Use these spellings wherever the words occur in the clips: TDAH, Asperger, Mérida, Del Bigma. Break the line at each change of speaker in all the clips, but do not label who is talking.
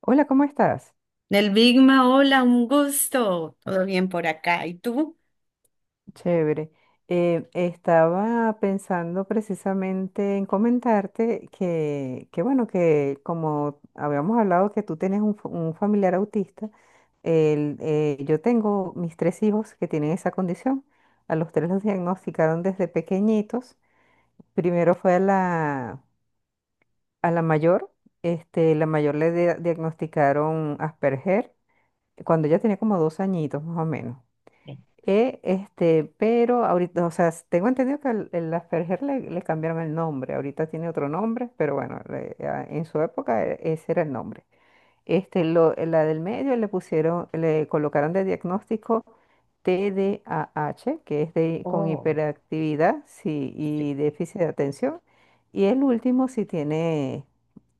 Hola, ¿cómo estás?
Del Bigma, hola, un gusto. Todo bien por acá. ¿Y tú?
Chévere. Estaba pensando precisamente en comentarte bueno, que como habíamos hablado que tú tienes un, un familiar autista, yo tengo mis tres hijos que tienen esa condición. A los tres los diagnosticaron desde pequeñitos. Primero fue a la mayor, este, la mayor le diagnosticaron Asperger cuando ella tenía como dos añitos más o menos. Pero ahorita, o sea, tengo entendido que el Asperger le cambiaron el nombre, ahorita tiene otro nombre, pero bueno, en su época ese era el nombre. Este, la del medio le pusieron, le colocaron de diagnóstico TDAH, que es de, con
Oh,
hiperactividad sí,
sí.
y déficit de atención. Y el último si tiene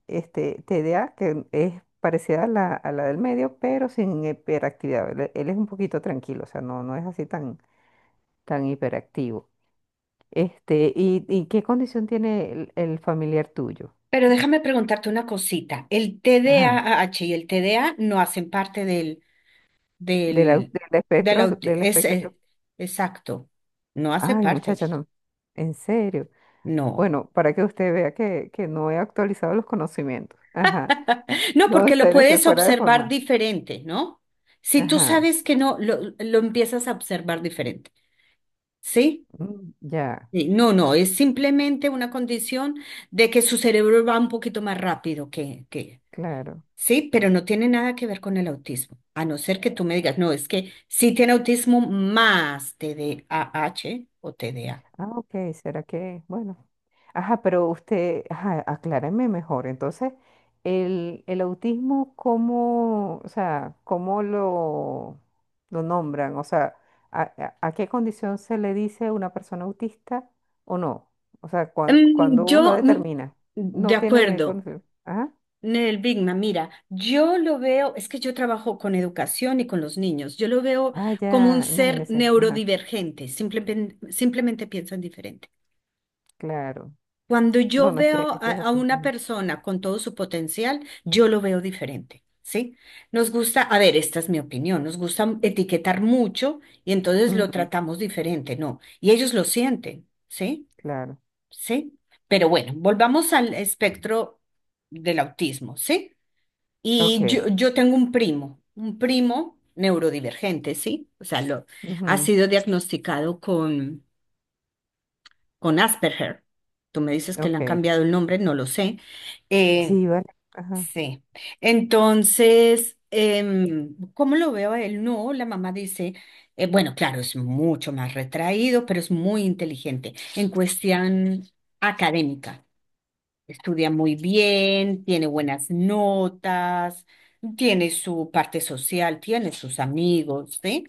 este, TDA, que es parecida a la del medio, pero sin hiperactividad. Él es un poquito tranquilo, o sea, no, no es así tan, tan hiperactivo. Este, ¿y qué condición tiene el familiar tuyo?
Pero déjame preguntarte una cosita. El
Ajá,
TDAH y el TDA no hacen parte del,
del
del
espectro,
aut-
del
es,
espectro.
es- Exacto. No hace
Ay,
parte.
muchacha, no. En serio.
No.
Bueno, para que usted vea que no he actualizado los conocimientos. Ajá.
No,
No, en
porque lo
serio, estoy
puedes
fuera de
observar
forma.
diferente, ¿no? Si tú
Ajá.
sabes que no, lo empiezas a observar diferente, ¿sí?
Ya,
Sí, no, no, es simplemente una condición de que su cerebro va un poquito más rápido que.
claro.
Sí, pero no tiene nada que ver con el autismo, a no ser que tú me digas, no, es que sí tiene autismo más TDAH o TDA.
Ah, ok, será que, bueno. Ajá, pero usted, ajá, acláreme mejor. Entonces, el autismo, ¿cómo, o sea, cómo lo nombran? O sea, ¿ a qué condición se le dice una persona autista o no? O sea,
Mm,
cuando uno
yo, mm,
determina,
de
no tiene
acuerdo,
condición. Ajá.
Nel Bigma, mira, yo lo veo, es que yo trabajo con educación y con los niños, yo lo veo
Ah,
como un
ya,
ser
imagínese. Ajá,
neurodivergente, simplemente, simplemente piensan diferente.
claro.
Cuando yo
No, no, es que
veo
es, que
a,
es
a
así.
una
Ujú,
persona con todo su potencial, yo lo veo diferente, ¿sí? Nos gusta, a ver, esta es mi opinión, nos gusta etiquetar mucho y entonces lo
ujú,
tratamos diferente, ¿no? Y ellos lo sienten, ¿sí?
claro.
¿Sí? Pero bueno, volvamos al espectro del autismo, ¿sí? Y yo,
Ok,
yo tengo un primo, neurodivergente, ¿sí? O sea, ha
ujú,
sido diagnosticado con Asperger. Tú me dices que le han
ok.
cambiado el nombre, no lo sé. Eh,
Sí, vale. Ajá.
sí. Entonces, ¿cómo lo veo a él? No, la mamá dice, bueno, claro, es mucho más retraído, pero es muy inteligente en cuestión académica. Estudia muy bien, tiene buenas notas, tiene su parte social, tiene sus amigos, ¿sí?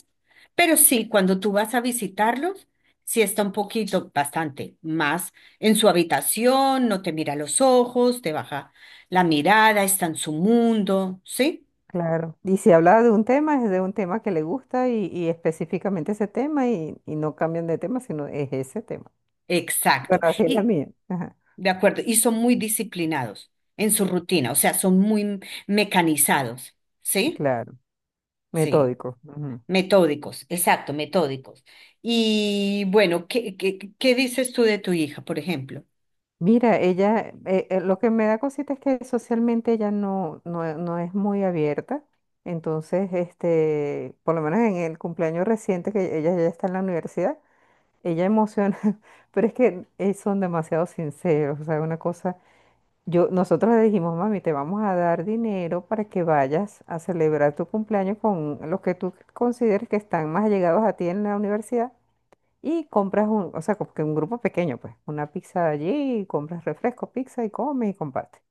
Pero sí, cuando tú vas a visitarlos, sí está un poquito, bastante más en su habitación, no te mira a los ojos, te baja la mirada, está en su mundo, ¿sí?
Claro, y si habla de un tema, es de un tema que le gusta y específicamente ese tema y no cambian de tema, sino es ese tema. Bueno,
Exacto.
así es la
Y,
mía. Ajá.
de acuerdo, y son muy disciplinados en su rutina, o sea, son muy mecanizados, ¿sí?
Claro,
Sí.
metódico. Ujú.
Metódicos, exacto, metódicos. Y bueno, ¿qué dices tú de tu hija, por ejemplo?
Mira, ella, lo que me da cosita es que socialmente ella no es muy abierta. Entonces, este, por lo menos en el cumpleaños reciente que ella ya está en la universidad, ella emociona, pero es que son demasiado sinceros, o sea, una cosa. Yo, nosotros le dijimos, mami, te vamos a dar dinero para que vayas a celebrar tu cumpleaños con los que tú consideres que están más allegados a ti en la universidad y compras un, o sea, como que un grupo pequeño, pues, una pizza allí, compras refresco, pizza y comes y compartes.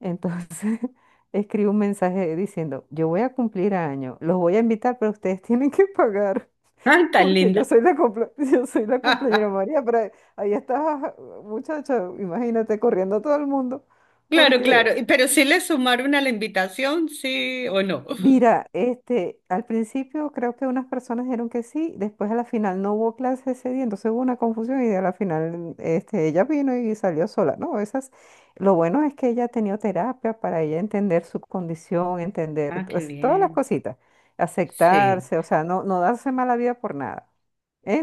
Entonces, escribe un mensaje diciendo, yo voy a cumplir año, los voy a invitar, pero ustedes tienen que pagar.
Ay, tan
Porque yo
linda.
soy la yo soy la cumpleañera María, pero ahí ahí estás, muchacha, imagínate corriendo a todo el mundo.
Claro,
Porque
claro. Pero si le sumaron a la invitación, sí o no.
mira, este, al principio creo que unas personas dijeron que sí, después a la final no hubo clase ese día, entonces hubo una confusión y a la final este, ella vino y salió sola, ¿no? Esas, lo bueno es que ella ha tenido terapia para ella entender su condición, entender
Ah, qué
pues, todas las
bien.
cositas,
Sí.
aceptarse, o sea, no darse mala vida por nada.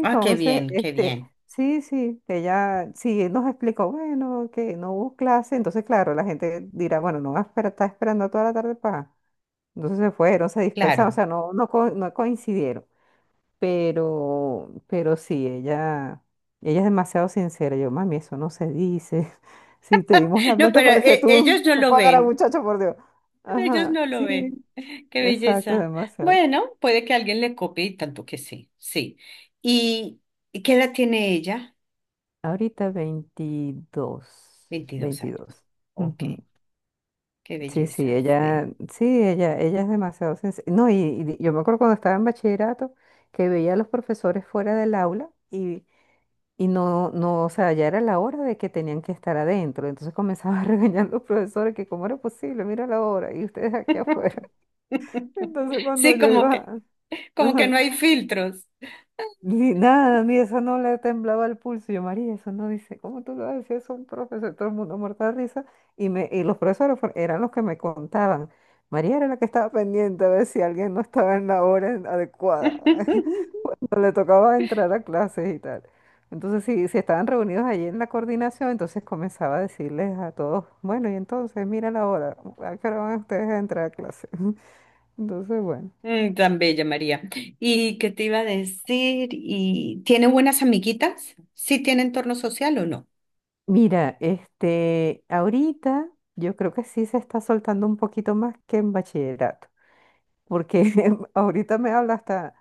Ah, qué bien, qué
este,
bien.
sí, sí, ella sí nos explicó, bueno, que no hubo clase, entonces claro, la gente dirá, bueno, no va a esperar, está esperando toda la tarde para... Entonces se fueron, se dispersaron, o
Claro.
sea, no coincidieron. Pero sí, ella es demasiado sincera. Yo, mami, eso no se dice. Si te dimos la
No,
plata
pero
para que
ellos no
tú
lo
pagaras,
ven.
muchacho, por Dios.
Ellos
Ajá,
no lo
sí,
ven. Qué
exacto,
belleza.
demasiado.
Bueno, puede que alguien le copie y tanto que sí. Sí. ¿Y y qué edad tiene ella?
Ahorita 22,
22 años.
22.
Ok.
Ujú.
Qué
Sí,
belleza, sí.
sí, ella es demasiado sincera. No, y yo me acuerdo cuando estaba en bachillerato que veía a los profesores fuera del aula y... Y no, no, o sea, ya era la hora de que tenían que estar adentro. Entonces comenzaba a regañar a los profesores que cómo era posible, mira la hora, y ustedes aquí afuera. Entonces cuando
Sí,
yo
como
iba,
que, como que
ajá,
no hay filtros.
ni nada, a mí eso no le temblaba el pulso. Y yo, María, eso no dice, ¿cómo tú lo haces? Eso un profesor, todo el mundo muerto de risa. Y los profesores eran los que me contaban. María era la que estaba pendiente a ver si alguien no estaba en la hora adecuada. No le tocaba entrar a clases y tal. Entonces, si estaban reunidos allí en la coordinación, entonces comenzaba a decirles a todos, bueno, y entonces, mira la hora, ¿a qué hora van ustedes a entrar a clase? Entonces, bueno.
Tan bella, María. ¿Y qué te iba a decir? ¿Y tiene buenas amiguitas? ¿Sí tiene entorno social o no?
Mira, este, ahorita yo creo que sí se está soltando un poquito más que en bachillerato, porque ahorita me habla hasta,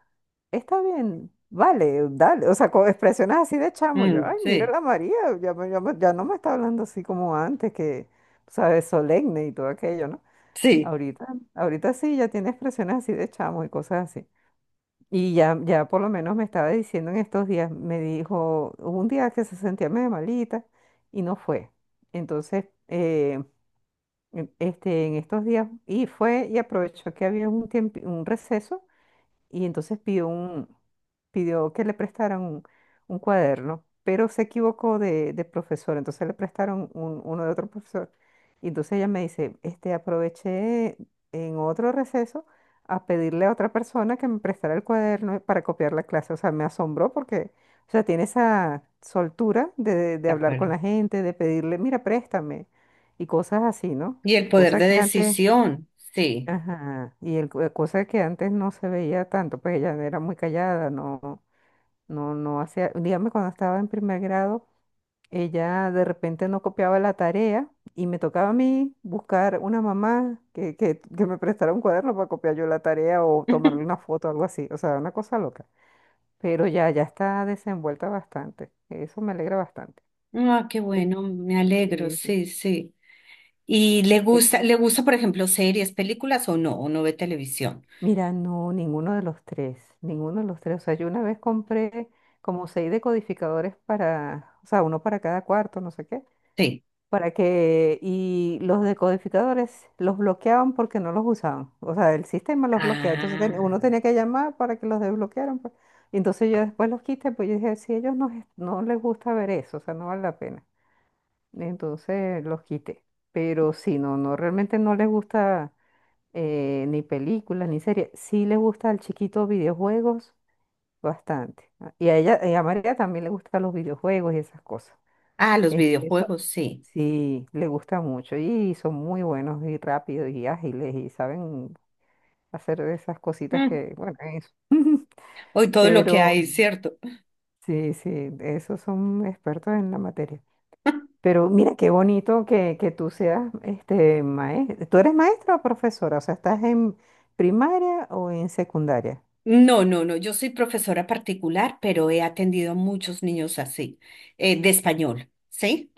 está bien, vale, dale, o sea, con expresiones así de chamo, yo,
Mm,
ay, mira
sí,
la María, ya, ya, ya no me está hablando así como antes, que, sabes, solemne y todo aquello, ¿no?
sí,
Ahorita, ahorita sí, ya tiene expresiones así de chamo y cosas así. Y ya, ya por lo menos me estaba diciendo en estos días, me dijo, hubo un día que se sentía medio malita y no fue. Entonces, este, en estos días, y fue y aprovechó que había un tiempo, un receso y entonces pidió un, pidió que le prestaran un cuaderno, pero se equivocó de profesor, entonces le prestaron uno de otro profesor. Y entonces ella me dice, este, aproveché en otro receso a pedirle a otra persona que me prestara el cuaderno para copiar la clase. O sea, me asombró porque, o sea, tiene esa soltura de
de
hablar con
acuerdo.
la gente, de pedirle, mira, préstame, y cosas así, ¿no?
Y el poder
Cosas
de
que antes...
decisión, sí.
Ajá, cosa que antes no se veía tanto, pues ella era muy callada, no hacía, dígame cuando estaba en primer grado, ella de repente no copiaba la tarea y me tocaba a mí buscar una mamá que me prestara un cuaderno para copiar yo la tarea o tomarle una foto, algo así, o sea, una cosa loca, pero ya, ya está desenvuelta bastante, eso me alegra bastante.
Ah, qué
Eh,
bueno, me alegro,
Sí, sí.
sí, sí. ¿Y le
Sí.
gusta, le gusta, por ejemplo, series, películas o no? ¿O no ve televisión?
Mira, no, ninguno de los tres, ninguno de los tres. O sea, yo una vez compré como seis decodificadores para, o sea, uno para cada cuarto, no sé qué,
Sí.
para que, y los decodificadores los bloqueaban porque no los usaban. O sea, el sistema los bloqueaba. Entonces
Ah,
uno tenía que llamar para que los desbloquearan, pues. Y entonces yo después los quité, pues yo dije, si a ellos no, no les gusta ver eso, o sea, no vale la pena. Entonces los quité. Pero sí, no, no, realmente no les gusta ni películas, ni series. Sí le gusta al chiquito videojuegos bastante. Ah, y a ella, y a María también le gustan los videojuegos y esas cosas.
los
Este,
videojuegos, sí.
sí, le gusta mucho y son muy buenos y rápidos y ágiles y saben hacer esas cositas
Mm,
que, bueno, eso.
Hoy todo lo
Pero
que hay, ¿cierto?
sí, sí, esos son expertos en la materia. Pero mira qué bonito que tú seas este maestro. ¿Tú eres maestra o profesora? O sea, ¿estás en primaria o en secundaria?
No, no, no, yo soy profesora particular, pero he atendido a muchos niños así, de español, ¿sí?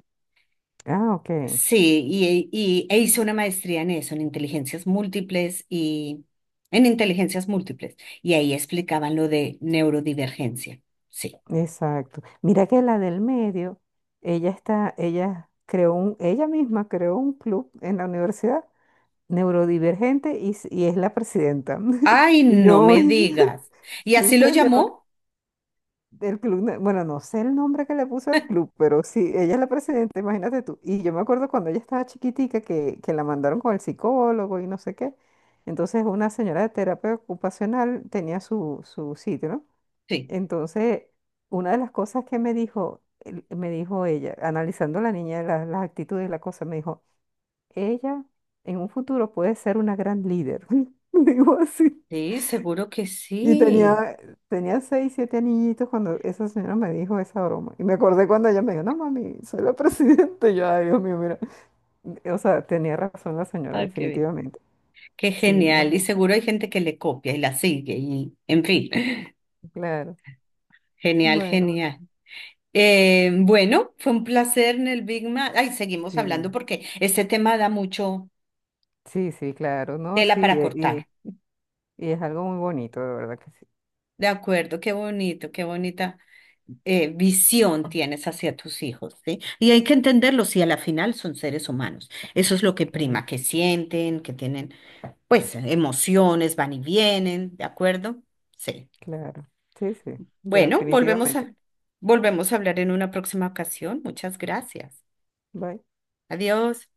Ah, ok,
Sí, e hice una maestría en eso, en inteligencias múltiples. Y ahí explicaban lo de neurodivergencia. Sí.
exacto. Mira que la del medio, ella está, ella creó un, ella misma creó un club en la universidad neurodivergente y, y es la presidenta.
Ay,
Y
no
yo,
me digas. ¿Y
sí,
así lo
señor,
llamó?
del club, bueno, no sé el nombre que le puso al club, pero sí, ella es la presidenta, imagínate tú. Y yo me acuerdo cuando ella estaba chiquitica que la mandaron con el psicólogo y no sé qué. Entonces una señora de terapia ocupacional tenía su sitio, ¿no?
Sí.
Entonces, una de las cosas que me dijo, me dijo ella, analizando la niña, las actitudes y la cosa, me dijo, ella en un futuro puede ser una gran líder. Digo así.
Sí, seguro que
Y
sí.
tenía, tenía seis, siete niñitos cuando esa señora me dijo esa broma. Y me acordé cuando ella me dijo, no, mami, soy la presidenta. Y yo, ay, Dios mío, mira. O sea, tenía razón la señora,
Ah, qué bien.
definitivamente.
Qué
Sí, muy
genial. Y
bien.
seguro hay gente que le copia y la sigue. Y, en fin,
Claro.
genial,
Bueno,
genial. Bueno, fue un placer en el Big Mac. Ay, seguimos hablando
sí.
porque este tema da mucho
Sí, sí, claro, ¿no?
tela
Sí,
para cortar.
y es algo muy bonito, de verdad que sí.
De acuerdo, qué bonito, qué bonita visión tienes hacia tus hijos, ¿sí? Y hay que entenderlos, si a la final son seres humanos. Eso es lo que
Claro,
prima, que sienten, que tienen, pues, emociones, van y vienen, ¿de acuerdo? Sí.
claro. Sí, sí,
Bueno, volvemos
definitivamente.
a, volvemos a hablar en una próxima ocasión. Muchas gracias.
Bye.
Adiós.